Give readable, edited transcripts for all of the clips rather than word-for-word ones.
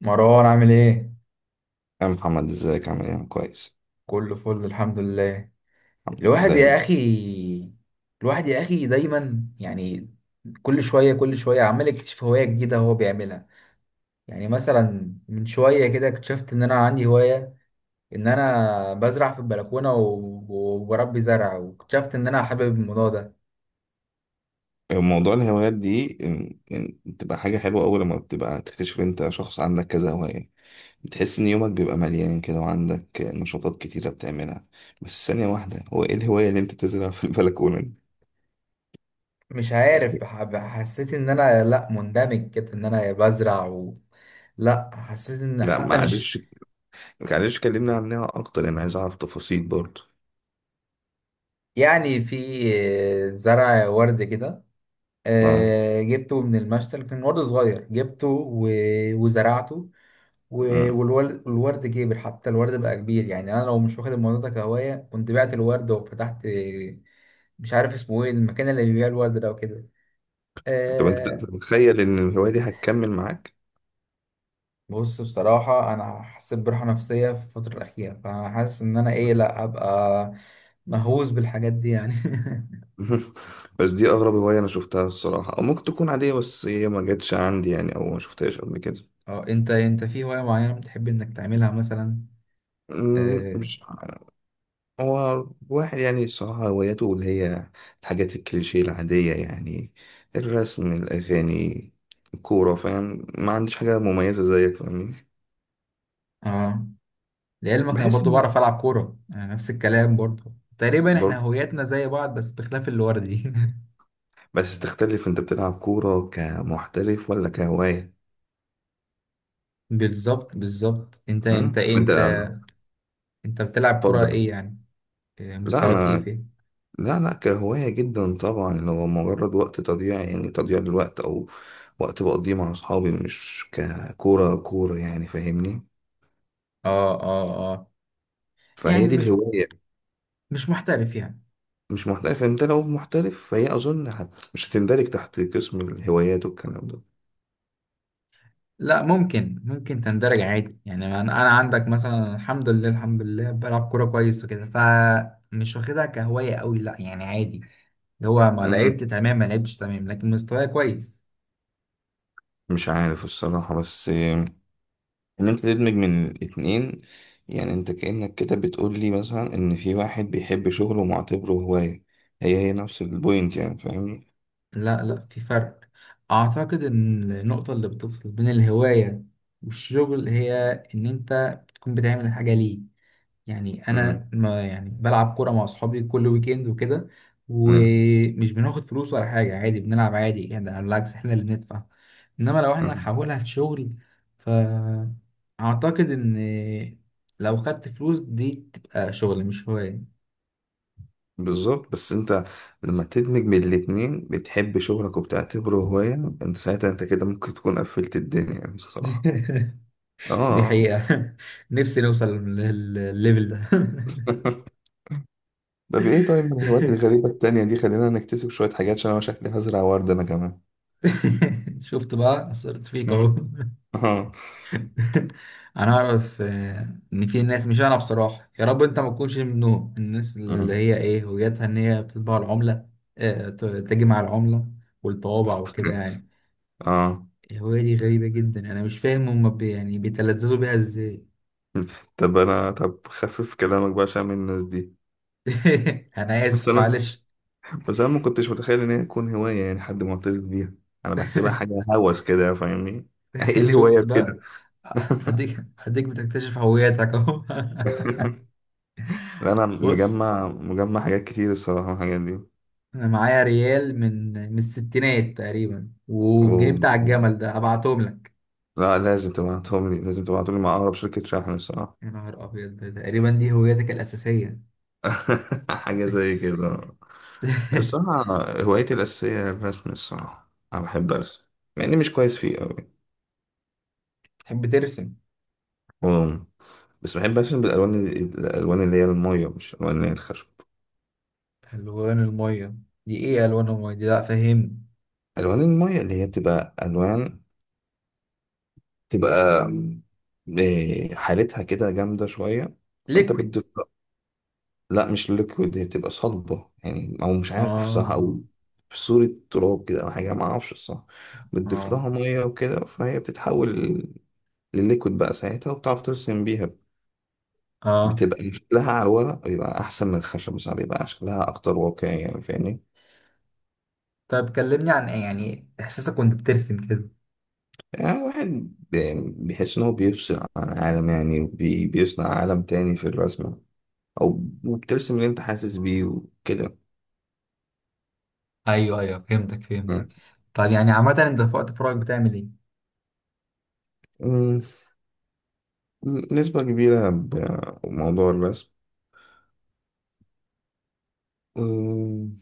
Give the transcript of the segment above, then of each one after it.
مروان عامل ايه؟ يا محمد ازيك عامل ايه؟ أنا كويس كله فل الحمد لله. الحمد لله. الواحد دايما يا اخي الواحد يا اخي دايما يعني. كل شوية عمال يكتشف هواية جديدة هو بيعملها. يعني مثلا من شوية كده اكتشفت ان انا عندي هواية، ان انا بزرع في البلكونة وبربي زرع، واكتشفت ان انا حابب الموضوع ده. موضوع الهوايات دي إن بتبقى حاجة حلوة أول لما بتبقى تكتشف إن أنت شخص عندك كذا هواية. بتحس إن يومك بيبقى مليان كده وعندك نشاطات كتيرة بتعملها. بس ثانية واحدة، هو إيه الهواية اللي أنت تزرع في البلكونة دي؟ مش عارف يعني حسيت ان انا، لا، مندمج كده ان انا بزرع لا، حسيت ان لا حتى مش معلش، معلش كلمنا عنها أكتر، أنا عايز أعرف تفاصيل برضه. يعني، في زرع ورد كده. أه، آه، جبته من المشتل، كان ورد صغير وزرعته. أه، والورد كبر، حتى الورد بقى كبير. يعني انا لو مش واخد الموضوع ده كهوايه كنت بعت الورد وفتحت، مش عارف اسمه ايه، المكان اللي بيبيع الورد ده وكده. طب أنت آه. تتخيل إن الهواية دي هتكمل معاك؟ بص، بصراحه انا حسيت براحه نفسيه في الفتره الاخيره، فانا حاسس ان انا ايه، لا ابقى مهووس بالحاجات دي يعني. بس دي اغرب هواية انا شفتها الصراحة، او ممكن تكون عادية بس هي ما جاتش عندي يعني، او ما شفتهاش قبل كده. اه، انت في هوايه معينه بتحب انك تعملها مثلا؟ اه. مش ع- هو واحد يعني الصراحة هواياته اللي هي الحاجات الكليشيه العادية يعني: الرسم، الأغاني، الكورة. فاهم، ما عنديش حاجة مميزة زيك، فاهمني؟ آه. لعلمك انا بحس برضو إن بعرف العب كوره، يعني نفس الكلام برضو تقريبا، احنا برضه هوياتنا زي بعض بس بخلاف الورد دي. بس تختلف، أنت بتلعب كورة كمحترف ولا كهواية؟ بالظبط، بالظبط. انت انت ايه فأنت انت انت بتلعب كوره ايه اتفضل. يعني؟ إيه لا مستواك، ايه أنا، فين؟ لا لا كهواية جدا طبعا، اللي هو مجرد وقت تضييع يعني، تضييع للوقت، أو وقت بقضيه مع أصحابي، مش ككورة كورة يعني، فاهمني؟ اه. فهي يعني دي مش، الهواية. مش محترف يعني؟ مش محترف. أنت لو محترف فهي أظن مش هتندرج تحت قسم الهوايات والكلام ده. لا، ممكن، ممكن تندرج عادي يعني. انا عندك مثلا، الحمد لله، الحمد لله، بلعب كوره كويس وكده، فمش واخدها كهوايه قوي، لا يعني عادي. اللي هو ما مم. لعبت تمام ما لعبتش تمام، لكن مستواي كويس. مش عارف الصراحة، بس إن أنت تدمج من الاتنين، يعني أنت كأنك كده بتقول لي مثلا إن في واحد بيحب شغله ومعتبره هواية، هي هي نفس البوينت يعني، فاهمني؟ لا لا، في فرق. اعتقد ان النقطة اللي بتفصل بين الهواية والشغل هي ان انت بتكون بتعمل الحاجة ليه. يعني انا، مم. ما يعني بلعب كورة مع اصحابي كل ويكند وكده، مم. ومش بناخد فلوس ولا حاجة، عادي بنلعب عادي يعني. ده بالعكس، احنا اللي بندفع. انما لو احنا مم. نحولها لشغل، فاعتقد ان لو خدت فلوس دي تبقى شغل مش هواية. بالظبط، بس انت لما تدمج بين الاتنين، بتحب شغلك وبتعتبره هواية، انت ساعتها انت كده ممكن تكون قفلت الدنيا يعني بصراحة. اه، دي آه. حقيقة. نفسي نوصل للليفل ده. طب ايه، طيب من الهوايات الغريبة التانية دي، خلينا نكتسب شوية حاجات عشان انا شكلي هزرع ورد انا كمان. شفت بقى، اثرت فيك اهو. مم. اه، انا اعرف، ان في ناس، مش انا بصراحه، يا رب انت ما تكونش منهم، الناس اللي اه. هي ايه، وجهتها ان هي بتطبع العمله، تجمع العمله والطوابع وكده يعني. اه، الهوايه دي غريبه جدا، انا مش فاهم هم يعني بيتلذذوا بيها ازاي. طب انا، طب خفف كلامك بقى عشان من الناس دي. انا بس اسف، انا، معلش. بس انا ما كنتش متخيل ان هي تكون هواية يعني، حد معترف بيها. انا بحسبها حاجة هوس كده، فاهمني؟ ايه الهواية شفت بكده. بقى، هديك بتكتشف هويتك اهو. لا انا بص، مجمع حاجات كتير الصراحه الحاجات دي. انا معايا ريال من الستينات تقريبا، و... والجنيه بتاع و- الجمل ده هبعتهم لك. لا لازم تبعتهم لي، لازم تبعتهم لي مع اقرب شركه شحن الصراحه. يا نهار ابيض، ده تقريبا دي هويتك الاساسيه. حاجه زي كده. الصراحه هوايتي الاساسيه هي الرسم. الصراحه انا بحب ارسم، مع اني مش كويس فيه قوي. تحب ترسم. و... بس بحب ارسم بالالوان، الالوان اللي هي الميه، مش الالوان اللي هي الخشب. الوان الميه، دي ايه الوان الميه دي؟ لا فهمني. الوان الميه اللي هي بتبقى الوان، تبقى حالتها كده جامده شويه، فانت ليكويد. بتضيف. لا مش ليكويد، هي بتبقى صلبة يعني، او مش عارف صح، او اه في صورة تراب كده او حاجة، ما اعرفش الصح. بتضيف اه لها مية وكده فهي بتتحول لليكويد بقى ساعتها، وبتعرف ترسم بيها. اه. بتبقى شكلها على الورق بيبقى احسن من الخشب، صح بيبقى شكلها اكتر واقعي يعني، فاهمني؟ طب كلمني عن ايه يعني، احساسك وانت بترسم كده. يعني الواحد بيحس ان هو بيفصل عن العالم يعني، وبي- بيصنع عالم تاني في الرسمة، او وبترسم اللي انت حاسس بيه وكده. ايوه ايوه، فهمتك فهمتك. مم. طب يعني عامه انت في وقت فراغك بتعمل ايه؟ مم. نسبة كبيرة بموضوع الرسم، أم،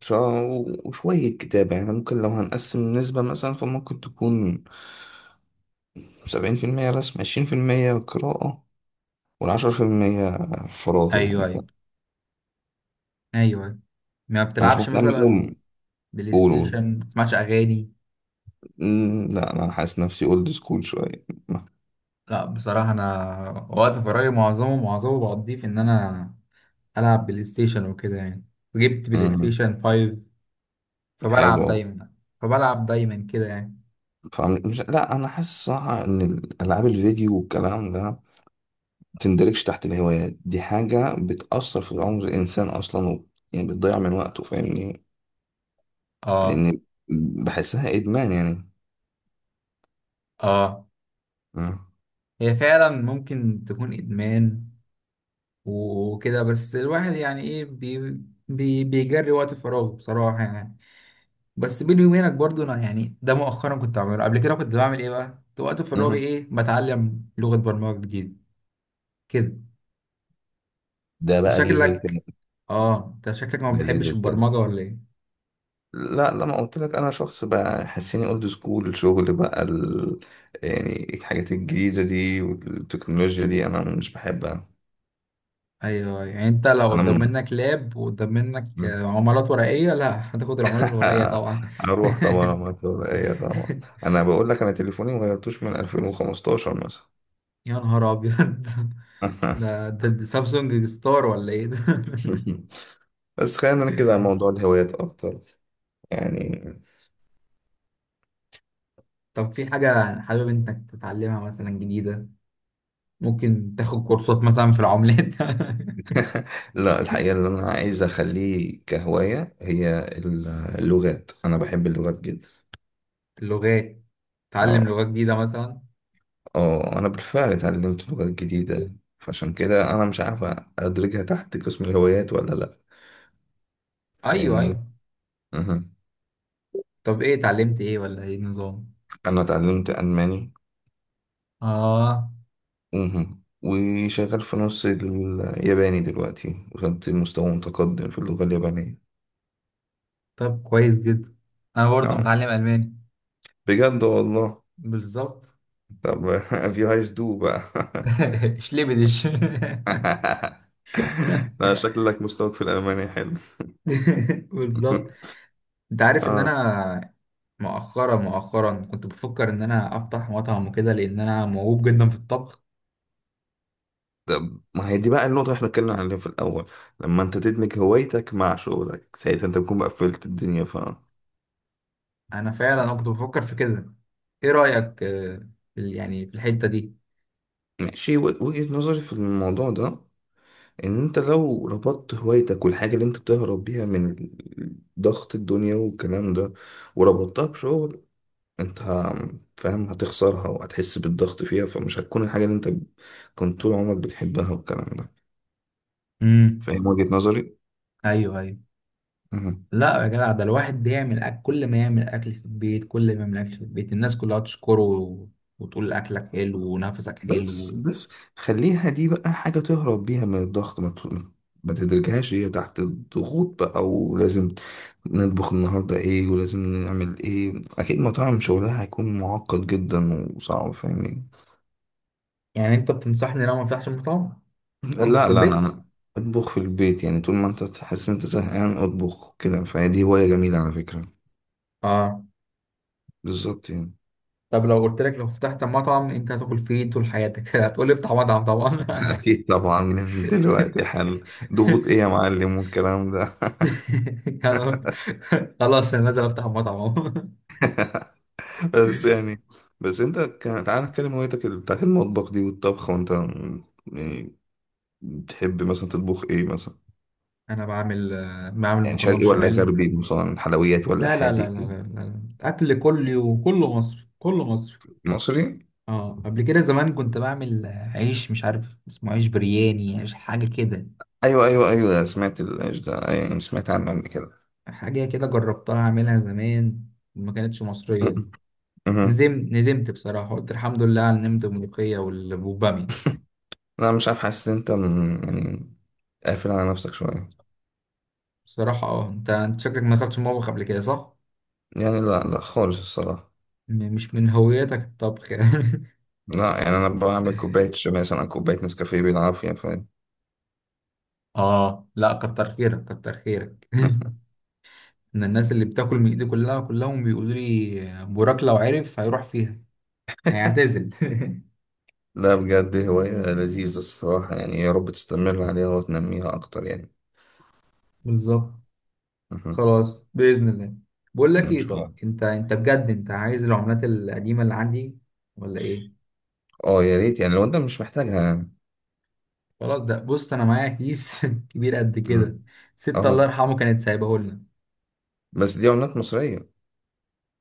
شا- وشوية كتابة يعني. ممكن لو هنقسم النسبة مثلا فممكن تكون سبعين في المية رسم، عشرين في المية قراءة، والعشرة في المية فراغ ايوه يعني ايوه ايوه. ما أنا مش بتلعبش مهتم أوي، مثلا قول. بلاي قول. ستيشن؟ ما بتسمعش اغاني؟ لا أنا حاسس نفسي أولد سكول شوية. لا بصراحة، أنا وقت فراغي معظمه بقضيه في إن أنا ألعب بلاي ستيشن وكده يعني. جبت بلاي أم، ستيشن 5 حلو فبلعب أوي. دايما، فبلعب دايما كده يعني. مش، لا أنا حاسس صح إن ألعاب الفيديو والكلام ده متندرجش تحت الهوايات دي، حاجة بتأثر في عمر الإنسان أصلا يعني بتضيع من وقته، فاهمني؟ آه. لان بحسها ادمان يعني. آه. مم. هي فعلا ممكن تكون إدمان وكده، بس الواحد يعني إيه، بي بيجري وقت فراغه بصراحة يعني. بس بيني وبينك برضو، أنا يعني ده مؤخرا كنت بعمله، قبل كده كنت بعمل إيه بقى؟ كنت وقت فراغي مم. إيه، بتعلم لغة برمجة جديدة كده. ده انت بقى ليفل شكلك، تاني. اه انت شكلك ما ده بتحبش ليفل تاني. البرمجة ولا ايه؟ لا لما قلت لك انا شخص بقى حسيني اولد سكول، الشغل بقى يعني الحاجات الجديده دي والتكنولوجيا دي انا مش بحبها. ايوه ايوه. يعني انت لو انا قدام م... منك لاب وقدام منك، مم. عملات ورقية، لا هتاخد العملات الورقية طبعا. اروح طبعا، ما ايه طبعا. انا بقول لك انا تليفوني ما غيرتوش من 2015 مثلا. يا نهار ابيض، ده سامسونج ستار ولا ايه ده؟ بس خلينا نركز على موضوع الهوايات اكتر يعني. طب في حاجة حابب انك تتعلمها مثلا جديدة؟ ممكن تاخد كورسات مثلا في العملات. لا الحقيقة اللي أنا عايز أخليه كهواية هي اللغات، أنا بحب اللغات جدا. اللغات، تعلم اه، لغات جديدة مثلا. اه أنا بالفعل اتعلمت لغات جديدة، فعشان كده أنا مش عارف أدرجها تحت قسم الهوايات ولا لأ، ايوه فاهمني؟ ايوه. مهم. طب ايه، اتعلمت ايه، ولا ايه النظام؟ أنا اتعلمت ألماني. اه. مهم. وشغال في نص الياباني دلوقتي، وصلت لمستوى متقدم في اللغة اليابانية. طب كويس جدا. انا برضه اه متعلم الماني. بجد والله. بالظبط. طب if you guys do بقى. شلبدش. لا شكلك مستواك في الألماني حلو. بالظبط. انت عارف ان اه، انا، مؤخرا كنت بفكر ان انا افتح مطعم وكده، لان انا موهوب جدا في الطبخ. ما هي دي بقى النقطة اللي احنا اتكلمنا عليها في الأول، لما انت تدمج هوايتك مع شغلك ساعتها انت بتكون بقى قفلت الدنيا ف انا فعلا انا كنت بفكر في كده. ايه رأيك، في يعني في الحتة دي؟ ماشي. وجهة نظري في الموضوع ده ان انت لو ربطت هوايتك والحاجة اللي انت بتهرب بيها من ضغط الدنيا والكلام ده، وربطتها بشغل، انت ه- فاهم، هتخسرها وهتحس بالضغط فيها، فمش هتكون الحاجة اللي انت كنت طول عمرك بتحبها والكلام ده. امم. فاهم وجهة نظري؟ ايوه ايوه. مهم. لا يا جدع، ده الواحد بيعمل أكل، كل ما يعمل اكل في البيت، كل ما يعمل اكل في البيت الناس كلها تشكره، وتقول اكلك حلو ونفسك بس حلو. بس خليها دي بقى حاجة تهرب بيها من الضغط، ما تدركهاش هي تحت الضغوط بقى، ولازم نطبخ النهاردة ايه، ولازم نعمل ايه. اكيد مطاعم شغلها هيكون معقد جدا وصعب، فاهمين؟ يعني انت بتنصحني لو ما افتحش مطعم واطبخ لا في لا البيت؟ انا اطبخ في البيت يعني، طول ما انت تحس انت زهقان اطبخ كده، فهي دي هواية جميلة على فكرة. اه. بالظبط يعني. طب لو قلت لك، لو فتحت مطعم انت هتاكل فيه إيه طول حياتك؟ هتقول لي افتح مطعم طبعا. اكيد طبعا، من دلوقتي حل، ضغوط ايه يا معلم والكلام ده. خلاص انا نازل افتح مطعم اهو. بس يعني، تعال نتكلم هوايتك بتاعت المطبخ دي والطبخ، يعني بتحب مثلا تطبخ ايه مثلا؟ انا بعمل، بعمل يعني مكرونه شرقي ولا بشاميل. غربي مثلا، حلويات ولا لا لا لا حادق؟ لا لا لا. اكل كل يوم كله مصري، كله مصري. مصري. اه، قبل كده زمان كنت بعمل، عيش مش عارف اسمه، عيش برياني، عيش حاجه كده. ايوه ايوه ايوه سمعت الايش ده، ايوه سمعت عنه قبل كده. حاجه كده جربتها اعملها زمان، ما كانتش مصريه. م- مهم. ندمت بصراحة، قلت الحمد لله على النمت والملوخية والبامية. لا مش عارف، حاسس ان انت يعني قافل على نفسك شويه. بصراحة اه، انت شكلك ما دخلتش المطبخ قبل كده صح؟ يعني لا لا خالص الصراحه. مش من هويتك الطبخ يعني. لا يعني انا بعمل كوبايه شاي مثلا، كوبايه نسكافيه بالعافيه. اه لا، كتر خيرك، كتر خيرك. ان الناس اللي بتاكل من ايدي كلها، كلهم بيقولوا لي بوراك لو عرف هيروح فيها، هيعتزل. لا بجد هواية لذيذة الصراحة يعني، يا رب تستمر عليها وتنميها أكتر يعني. بالظبط. مهم. خلاص بإذن الله. بقول لك إن ايه، شاء طب الله. انت، انت بجد انت عايز العملات القديمة اللي عندي ولا ايه؟ أه يا ريت يعني، لو أنت مش محتاجها يعني. خلاص، ده بص انا معايا كيس كبير قد كده، مم. ست الله أه يرحمه كانت سايباه لنا. بس دي عملات مصرية؟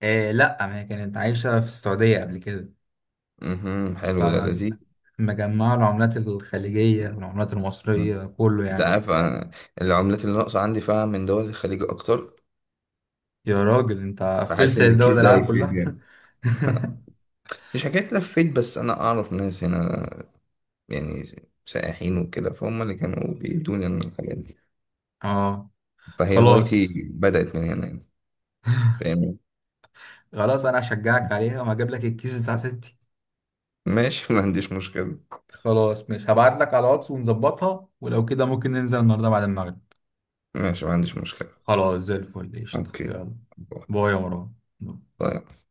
آه لا، ما هي كانت عايشه في السعوديه قبل كده، مهم. حلو ده لذيذ. فمجمعه العملات الخليجيه والعملات مم. المصريه كله أنت يعني. عارف أنا العملات اللي ناقصة عندي فعلا من دول الخليج أكتر، يا راجل انت فحاسس قفلت إن الدول الكيس ده العالم هيفيد كلها. يعني. مش حكاية لفيت، بس أنا أعرف ناس هنا يعني سائحين وكده، فهم اللي كانوا بيدوني عن الحاجات دي، اه. فهي هوايتي خلاص، بدأت من هنا يعني، فاهم؟ خلاص انا هشجعك عليها وهجيب لك الكيس بتاع ستي. ماشي ما عنديش مشكلة. خلاص مش هبعت لك على واتس ونظبطها، ولو كده ممكن ننزل النهارده بعد المغرب. ماشي ما عنديش مشكلة. خلاص، زي الفل، قشطة، اوكي. يلا. باي يا مروان. طيب.